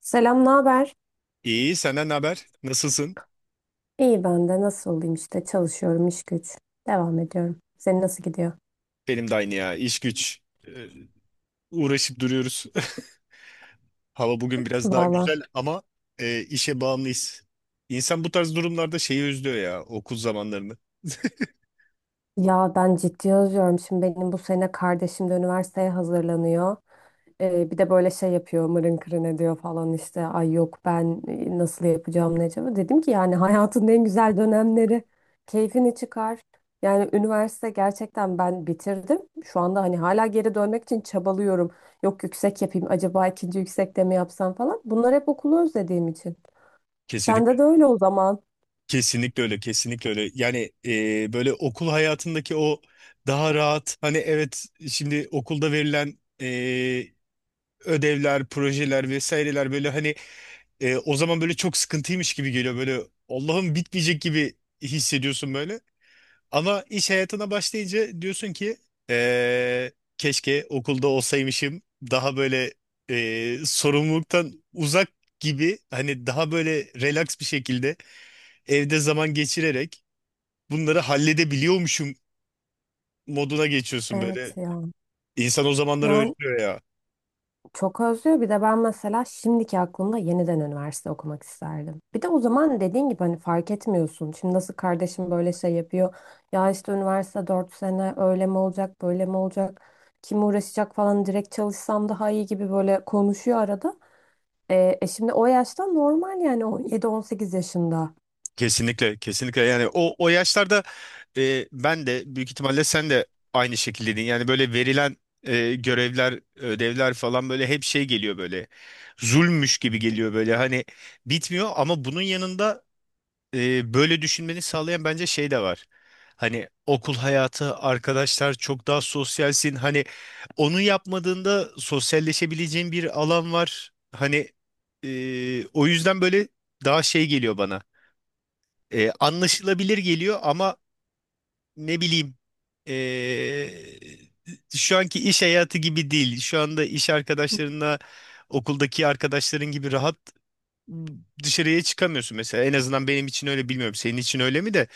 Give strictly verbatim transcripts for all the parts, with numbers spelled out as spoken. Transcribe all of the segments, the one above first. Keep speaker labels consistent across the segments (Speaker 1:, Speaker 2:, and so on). Speaker 1: Selam, ne haber?
Speaker 2: İyi, senden ne haber? Nasılsın?
Speaker 1: İyi ben de nasıl olayım işte çalışıyorum, iş güç devam ediyorum. Senin nasıl gidiyor?
Speaker 2: Benim de aynı ya. İş güç. Ee, Uğraşıp duruyoruz. Hava bugün biraz daha
Speaker 1: Valla
Speaker 2: güzel ama e, işe bağımlıyız. İnsan bu tarz durumlarda şeyi özlüyor ya, okul zamanlarını.
Speaker 1: ya ben ciddi özlüyorum. Şimdi benim bu sene kardeşim de üniversiteye hazırlanıyor. Ee, bir de böyle şey yapıyor, mırın kırın ediyor falan işte. Ay yok ben, e, nasıl yapacağım ne acaba? Dedim ki yani hayatın en güzel dönemleri, keyfini çıkar. Yani üniversite, gerçekten ben bitirdim. Şu anda hani hala geri dönmek için çabalıyorum. Yok, yüksek yapayım acaba, ikinci yüksekte mi yapsam falan. Bunlar hep okulu özlediğim için. Sende
Speaker 2: Kesinlikle.
Speaker 1: de öyle o zaman.
Speaker 2: Kesinlikle öyle, kesinlikle öyle. Yani e, böyle okul hayatındaki o daha rahat, hani evet, şimdi okulda verilen e, ödevler, projeler vesaireler, böyle hani e, o zaman böyle çok sıkıntıymış gibi geliyor. Böyle Allah'ım, bitmeyecek gibi hissediyorsun böyle. Ama iş hayatına başlayınca diyorsun ki eee, keşke okulda olsaymışım, daha böyle eee, sorumluluktan uzak gibi, hani daha böyle relax bir şekilde evde zaman geçirerek bunları halledebiliyormuşum moduna geçiyorsun
Speaker 1: Evet
Speaker 2: böyle.
Speaker 1: ya.
Speaker 2: İnsan o zamanları
Speaker 1: Yani
Speaker 2: özlüyor.
Speaker 1: çok özlüyor. Bir de ben mesela şimdiki aklımda yeniden üniversite okumak isterdim. Bir de o zaman dediğin gibi hani fark etmiyorsun. Şimdi nasıl kardeşim böyle şey yapıyor. Ya işte üniversite dört sene öyle mi olacak böyle mi olacak. Kim uğraşacak falan, direkt çalışsam daha iyi gibi böyle konuşuyor arada. E, e şimdi o yaşta normal, yani on yedi on sekiz yaşında.
Speaker 2: Kesinlikle, kesinlikle. Yani o o yaşlarda e, ben de büyük ihtimalle sen de aynı şekildeydin. Yani böyle verilen e, görevler, ödevler falan böyle hep şey geliyor böyle. Zulmüş gibi geliyor böyle. Hani bitmiyor, ama bunun yanında e, böyle düşünmeni sağlayan bence şey de var. Hani okul hayatı, arkadaşlar, çok daha sosyalsin. Hani onu yapmadığında sosyalleşebileceğin bir alan var. Hani e, o yüzden böyle daha şey geliyor bana. E, anlaşılabilir geliyor ama, ne bileyim, e, şu anki iş hayatı gibi değil. Şu anda iş arkadaşlarınla okuldaki arkadaşların gibi rahat dışarıya çıkamıyorsun mesela. En azından benim için öyle, bilmiyorum. Senin için öyle mi de?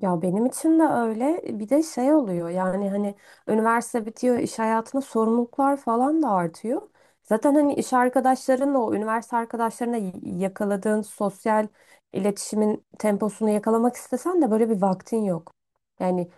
Speaker 1: Ya benim için de öyle. E, Bir de şey oluyor, yani hani üniversite bitiyor, iş hayatına sorumluluklar falan da artıyor. Zaten hani iş arkadaşlarınla o üniversite arkadaşlarına y- yakaladığın sosyal iletişimin temposunu yakalamak istesen de böyle bir vaktin yok. Yani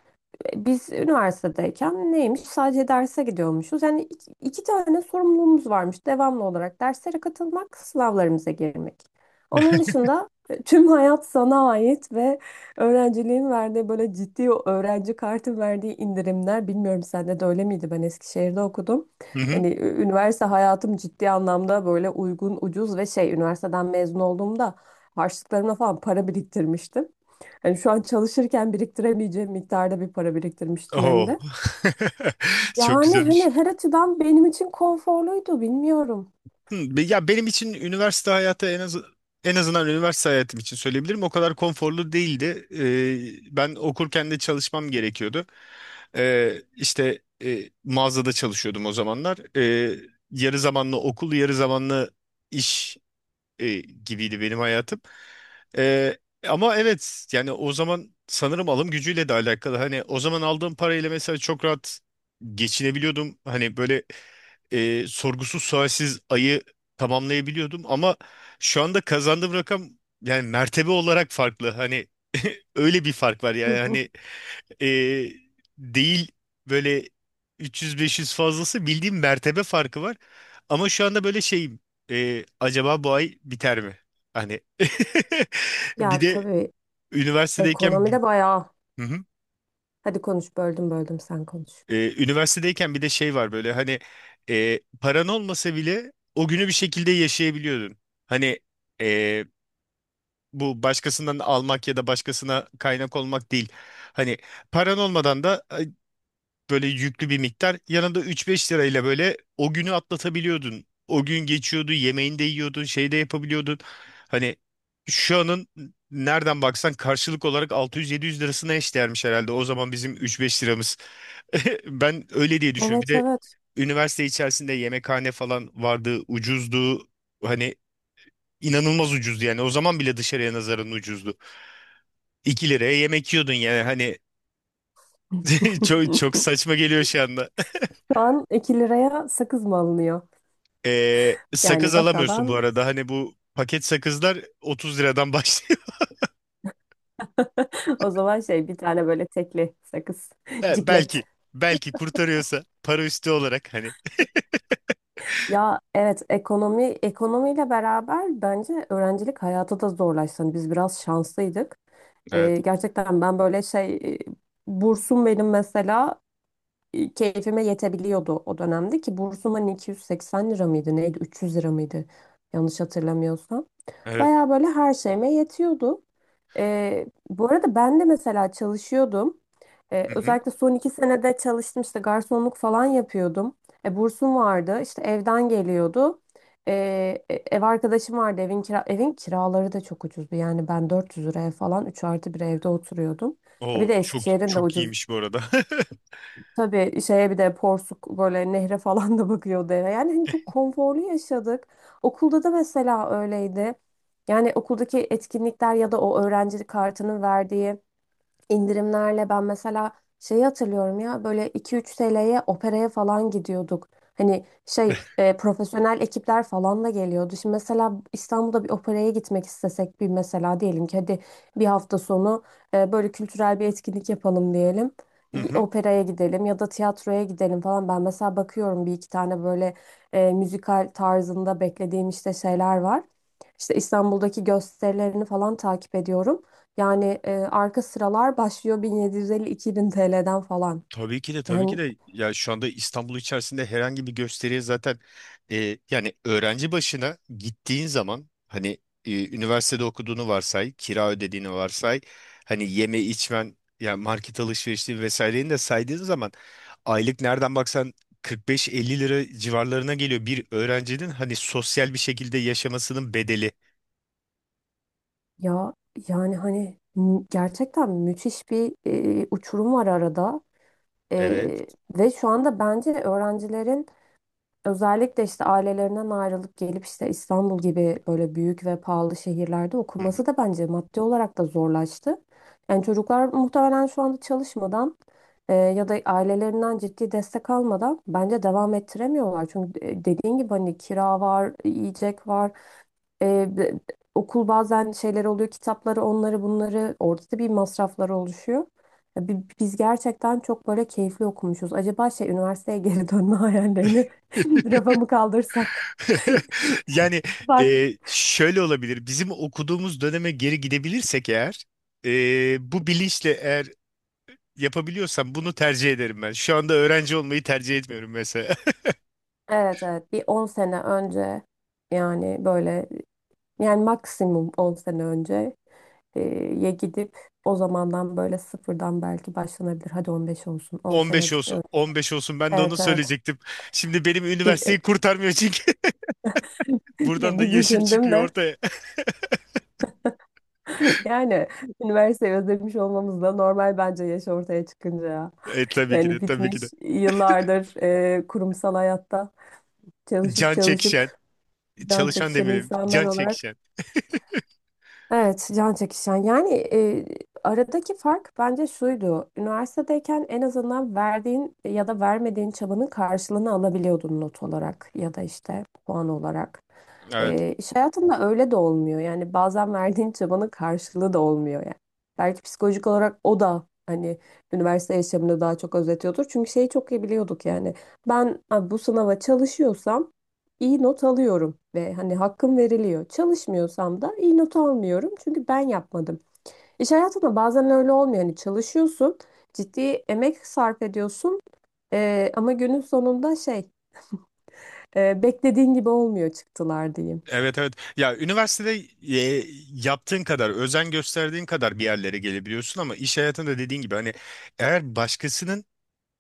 Speaker 1: biz üniversitedeyken neymiş? Sadece derse gidiyormuşuz. Yani iki, iki tane sorumluluğumuz varmış devamlı olarak. Derslere katılmak, sınavlarımıza girmek. Onun dışında e, tüm hayat sana ait ve öğrenciliğin verdiği böyle ciddi, o öğrenci kartı verdiği indirimler. Bilmiyorum sende de öyle miydi? Ben Eskişehir'de okudum.
Speaker 2: Hı hı.
Speaker 1: Yani ü- üniversite hayatım ciddi anlamda böyle uygun, ucuz ve şey, üniversiteden mezun olduğumda harçlıklarımla falan para biriktirmiştim. Yani şu an çalışırken biriktiremeyeceğim miktarda bir para biriktirmiştim hem
Speaker 2: Oo.
Speaker 1: de.
Speaker 2: Çok güzel.
Speaker 1: Yani hani her açıdan benim için konforluydu, bilmiyorum.
Speaker 2: Hı, be- ya benim için üniversite hayatı en az en azından üniversite hayatım için söyleyebilirim. O kadar konforlu değildi. Ee, ben okurken de çalışmam gerekiyordu. Ee, işte e, mağazada çalışıyordum o zamanlar. Ee, yarı zamanlı okul, yarı zamanlı iş e, gibiydi benim hayatım. Ee, Ama evet, yani o zaman sanırım alım gücüyle de alakalı. Hani o zaman aldığım parayla mesela çok rahat geçinebiliyordum. Hani böyle e, sorgusuz sualsiz ayı tamamlayabiliyordum, ama şu anda kazandığım rakam, yani mertebe olarak farklı. Hani öyle bir fark var
Speaker 1: Hı
Speaker 2: yani,
Speaker 1: hı.
Speaker 2: hani e, değil böyle üç yüz beş yüz fazlası, bildiğim mertebe farkı var. Ama şu anda böyle şeyim, e, acaba bu ay biter mi? Hani bir
Speaker 1: Ya
Speaker 2: de
Speaker 1: tabii,
Speaker 2: üniversitedeyken.
Speaker 1: ekonomide bayağı.
Speaker 2: Hı hı.
Speaker 1: Hadi konuş, böldüm böldüm, sen konuş.
Speaker 2: Ee, üniversitedeyken bir de şey var böyle, hani e, paran olmasa bile o günü bir şekilde yaşayabiliyordun. Hani e, bu başkasından almak ya da başkasına kaynak olmak değil. Hani paran olmadan da böyle yüklü bir miktar. Yanında üç beş lirayla böyle o günü atlatabiliyordun. O gün geçiyordu, yemeğini de yiyordun, şey de yapabiliyordun. Hani şu anın nereden baksan karşılık olarak altı yüz yedi yüz lirasına eşdeğermiş herhalde. O zaman bizim üç beş liramız. Ben öyle diye düşünüyorum. Bir
Speaker 1: Evet
Speaker 2: de
Speaker 1: evet.
Speaker 2: üniversite içerisinde yemekhane falan vardı, ucuzdu. Hani inanılmaz ucuzdu yani. O zaman bile dışarıya nazaran ucuzdu. iki liraya yemek yiyordun yani, hani çok çok saçma geliyor şu anda.
Speaker 1: Şu an iki liraya sakız mı alınıyor?
Speaker 2: Ee, sakız
Speaker 1: Yani bak
Speaker 2: alamıyorsun bu
Speaker 1: alan
Speaker 2: arada. Hani bu paket sakızlar otuz liradan başlıyor.
Speaker 1: o zaman şey, bir tane böyle tekli sakız.
Speaker 2: He, belki
Speaker 1: Ciklet.
Speaker 2: belki kurtarıyorsa para üstü olarak, hani.
Speaker 1: Ya evet, ekonomi ekonomiyle beraber bence öğrencilik hayatı da zorlaştı. Hani biz biraz şanslıydık.
Speaker 2: Evet.
Speaker 1: Ee, gerçekten ben böyle şey, e, bursum benim mesela, e, keyfime yetebiliyordu o dönemde. Ki bursum hani iki yüz seksen lira mıydı neydi, üç yüz lira mıydı, yanlış hatırlamıyorsam.
Speaker 2: Evet.
Speaker 1: Baya böyle her şeyime yetiyordu. Ee, bu arada ben de mesela çalışıyordum. Ee,
Speaker 2: Hı hı.
Speaker 1: özellikle son iki senede çalıştım, işte garsonluk falan yapıyordum. E, bursum vardı, işte evden geliyordu. Ee, e, Ev arkadaşım vardı, evin kira evin kiraları da çok ucuzdu. Yani ben dört yüz liraya falan üç artı bir evde oturuyordum. Ha, bir
Speaker 2: Oo,
Speaker 1: de
Speaker 2: çok
Speaker 1: Eskişehir'in de
Speaker 2: çok
Speaker 1: ucuz.
Speaker 2: iyiymiş bu arada.
Speaker 1: Tabii şeye, bir de Porsuk böyle nehre falan da bakıyordu eve. Yani hani çok konforlu yaşadık. Okulda da mesela öyleydi. Yani okuldaki etkinlikler ya da o öğrenci kartının verdiği İndirimlerle ben mesela şeyi hatırlıyorum ya, böyle iki üç T L'ye operaya falan gidiyorduk. Hani şey, e, profesyonel ekipler falan da geliyordu. Şimdi mesela İstanbul'da bir operaya gitmek istesek, bir mesela diyelim ki hadi bir hafta sonu, e, böyle kültürel bir etkinlik yapalım diyelim.
Speaker 2: Hı
Speaker 1: Bir
Speaker 2: hı.
Speaker 1: operaya gidelim ya da tiyatroya gidelim falan. Ben mesela bakıyorum, bir iki tane böyle e, müzikal tarzında beklediğim işte şeyler var. İşte İstanbul'daki gösterilerini falan takip ediyorum. Yani e, arka sıralar başlıyor bin yedi yüz elli-iki bin T L'den falan.
Speaker 2: Tabii ki de, tabii ki
Speaker 1: Yani
Speaker 2: de ya, şu anda İstanbul içerisinde herhangi bir gösteriye zaten, e, yani öğrenci başına gittiğin zaman, hani e, üniversitede okuduğunu varsay, kira ödediğini varsay, hani yeme içmen, yani market alışverişi vesaireni de saydığın zaman aylık nereden baksan kırk beş elli lira civarlarına geliyor bir öğrencinin hani sosyal bir şekilde yaşamasının bedeli.
Speaker 1: ya, yani hani mü- gerçekten müthiş bir e, uçurum var arada.
Speaker 2: Evet.
Speaker 1: E, Ve şu anda bence öğrencilerin, özellikle işte ailelerinden ayrılıp gelip işte İstanbul gibi böyle büyük ve pahalı şehirlerde okuması da bence maddi olarak da zorlaştı. Yani çocuklar muhtemelen şu anda çalışmadan, e, ya da ailelerinden ciddi destek almadan bence devam ettiremiyorlar. Çünkü de- dediğin gibi hani kira var, yiyecek var. Ee, b- Okul bazen şeyler oluyor, kitapları, onları, bunları. Orada da bir masrafları oluşuyor. Ya bi- biz gerçekten çok böyle keyifli okumuşuz. Acaba şey, üniversiteye geri dönme hayallerini rafa mı kaldırsak?
Speaker 2: Yani
Speaker 1: Bak.
Speaker 2: e, şöyle olabilir. Bizim okuduğumuz döneme geri gidebilirsek eğer, e, bu bilinçle eğer yapabiliyorsam bunu tercih ederim ben. Şu anda öğrenci olmayı tercih etmiyorum mesela.
Speaker 1: Evet evet, bir on sene önce, yani böyle, yani maksimum on sene önce, e, ye gidip o zamandan böyle sıfırdan belki başlanabilir. Hadi on beş olsun, on sene
Speaker 2: on beş
Speaker 1: önce.
Speaker 2: olsun, on beş olsun, ben de onu
Speaker 1: Evet evet,
Speaker 2: söyleyecektim. Şimdi benim
Speaker 1: bir,
Speaker 2: üniversiteyi kurtarmıyor çünkü. Buradan
Speaker 1: bir,
Speaker 2: da
Speaker 1: bir
Speaker 2: yaşım
Speaker 1: düşündüm
Speaker 2: çıkıyor
Speaker 1: de.
Speaker 2: ortaya.
Speaker 1: Yani üniversiteyi özlemiş olmamız da normal bence, yaş ortaya çıkınca ya.
Speaker 2: E, tabii ki de,
Speaker 1: Yani
Speaker 2: tabii
Speaker 1: bitmiş,
Speaker 2: ki de.
Speaker 1: yıllardır e, kurumsal hayatta çalışıp
Speaker 2: Can çekişen,
Speaker 1: çalışıp can
Speaker 2: çalışan
Speaker 1: çekişen
Speaker 2: demeyelim.
Speaker 1: insanlar
Speaker 2: Can
Speaker 1: olarak.
Speaker 2: çekişen.
Speaker 1: Evet, can çekişen. Yani e, aradaki fark bence şuydu. Üniversitedeyken en azından verdiğin ya da vermediğin çabanın karşılığını alabiliyordun, not olarak ya da işte puan olarak.
Speaker 2: Evet.
Speaker 1: E, iş hayatında öyle de olmuyor. Yani bazen verdiğin çabanın karşılığı da olmuyor yani. Belki psikolojik olarak o da hani üniversite yaşamını daha çok özetiyordur. Çünkü şeyi çok iyi biliyorduk yani. Ben ha, bu sınava çalışıyorsam iyi not alıyorum ve hani hakkım veriliyor. Çalışmıyorsam da iyi not almıyorum, çünkü ben yapmadım. İş hayatında bazen öyle olmuyor. Hani çalışıyorsun, ciddi emek sarf ediyorsun, e, ama günün sonunda şey, e, beklediğin gibi olmuyor çıktılar, diyeyim.
Speaker 2: Evet, evet. Ya üniversitede e, yaptığın kadar, özen gösterdiğin kadar bir yerlere gelebiliyorsun, ama iş hayatında dediğin gibi, hani eğer başkasının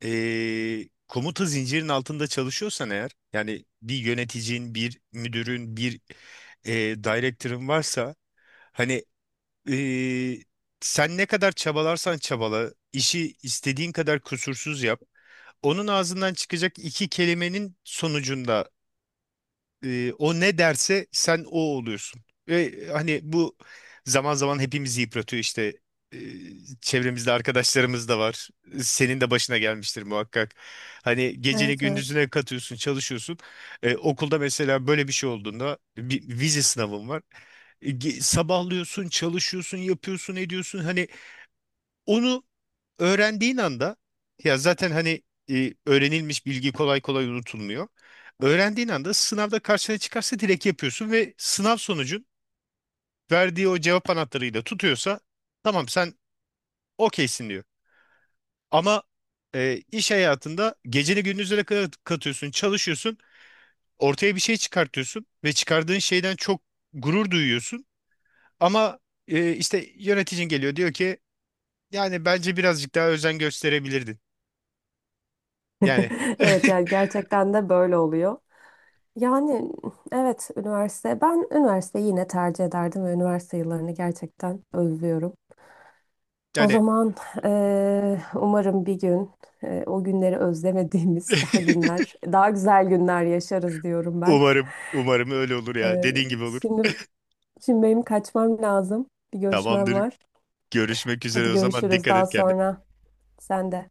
Speaker 2: e, komuta zincirinin altında çalışıyorsan eğer, yani bir yöneticin, bir müdürün, bir e, director'ın varsa, hani e, sen ne kadar çabalarsan çabala, işi istediğin kadar kusursuz yap. Onun ağzından çıkacak iki kelimenin sonucunda e, o ne derse sen o oluyorsun. Ve hani bu zaman zaman hepimizi yıpratıyor işte. E, Çevremizde arkadaşlarımız da var. Senin de başına gelmiştir muhakkak. Hani geceni
Speaker 1: Evet evet.
Speaker 2: gündüzüne katıyorsun, çalışıyorsun. E, okulda mesela böyle bir şey olduğunda bir vize sınavın var. E, ge- sabahlıyorsun, çalışıyorsun, yapıyorsun, ediyorsun. Hani onu öğrendiğin anda ya zaten, hani e, öğrenilmiş bilgi kolay kolay unutulmuyor. Öğrendiğin anda sınavda karşına çıkarsa direkt yapıyorsun ve sınav sonucun verdiği o cevap anahtarıyla tutuyorsa tamam, sen okeysin diyor. Ama e, iş hayatında geceni gündüzlere kadar katıyorsun, çalışıyorsun, ortaya bir şey çıkartıyorsun ve çıkardığın şeyden çok gurur duyuyorsun. Ama e, işte yöneticin geliyor diyor ki, yani bence birazcık daha özen gösterebilirdin. Yani
Speaker 1: Evet, yani gerçekten de böyle oluyor. Yani evet, üniversite, ben üniversiteyi yine tercih ederdim ve üniversite yıllarını gerçekten özlüyorum. O
Speaker 2: yani
Speaker 1: zaman, eee, umarım bir gün, eee, o günleri özlemediğimiz daha günler, daha güzel günler yaşarız diyorum ben.
Speaker 2: umarım, umarım öyle olur ya.
Speaker 1: Eee,
Speaker 2: Dediğin gibi olur.
Speaker 1: şimdi şimdi benim kaçmam lazım. Bir görüşmem
Speaker 2: Tamamdır.
Speaker 1: var.
Speaker 2: Görüşmek
Speaker 1: Hadi
Speaker 2: üzere o zaman.
Speaker 1: görüşürüz
Speaker 2: Dikkat
Speaker 1: daha
Speaker 2: et kendine.
Speaker 1: sonra. Sen de.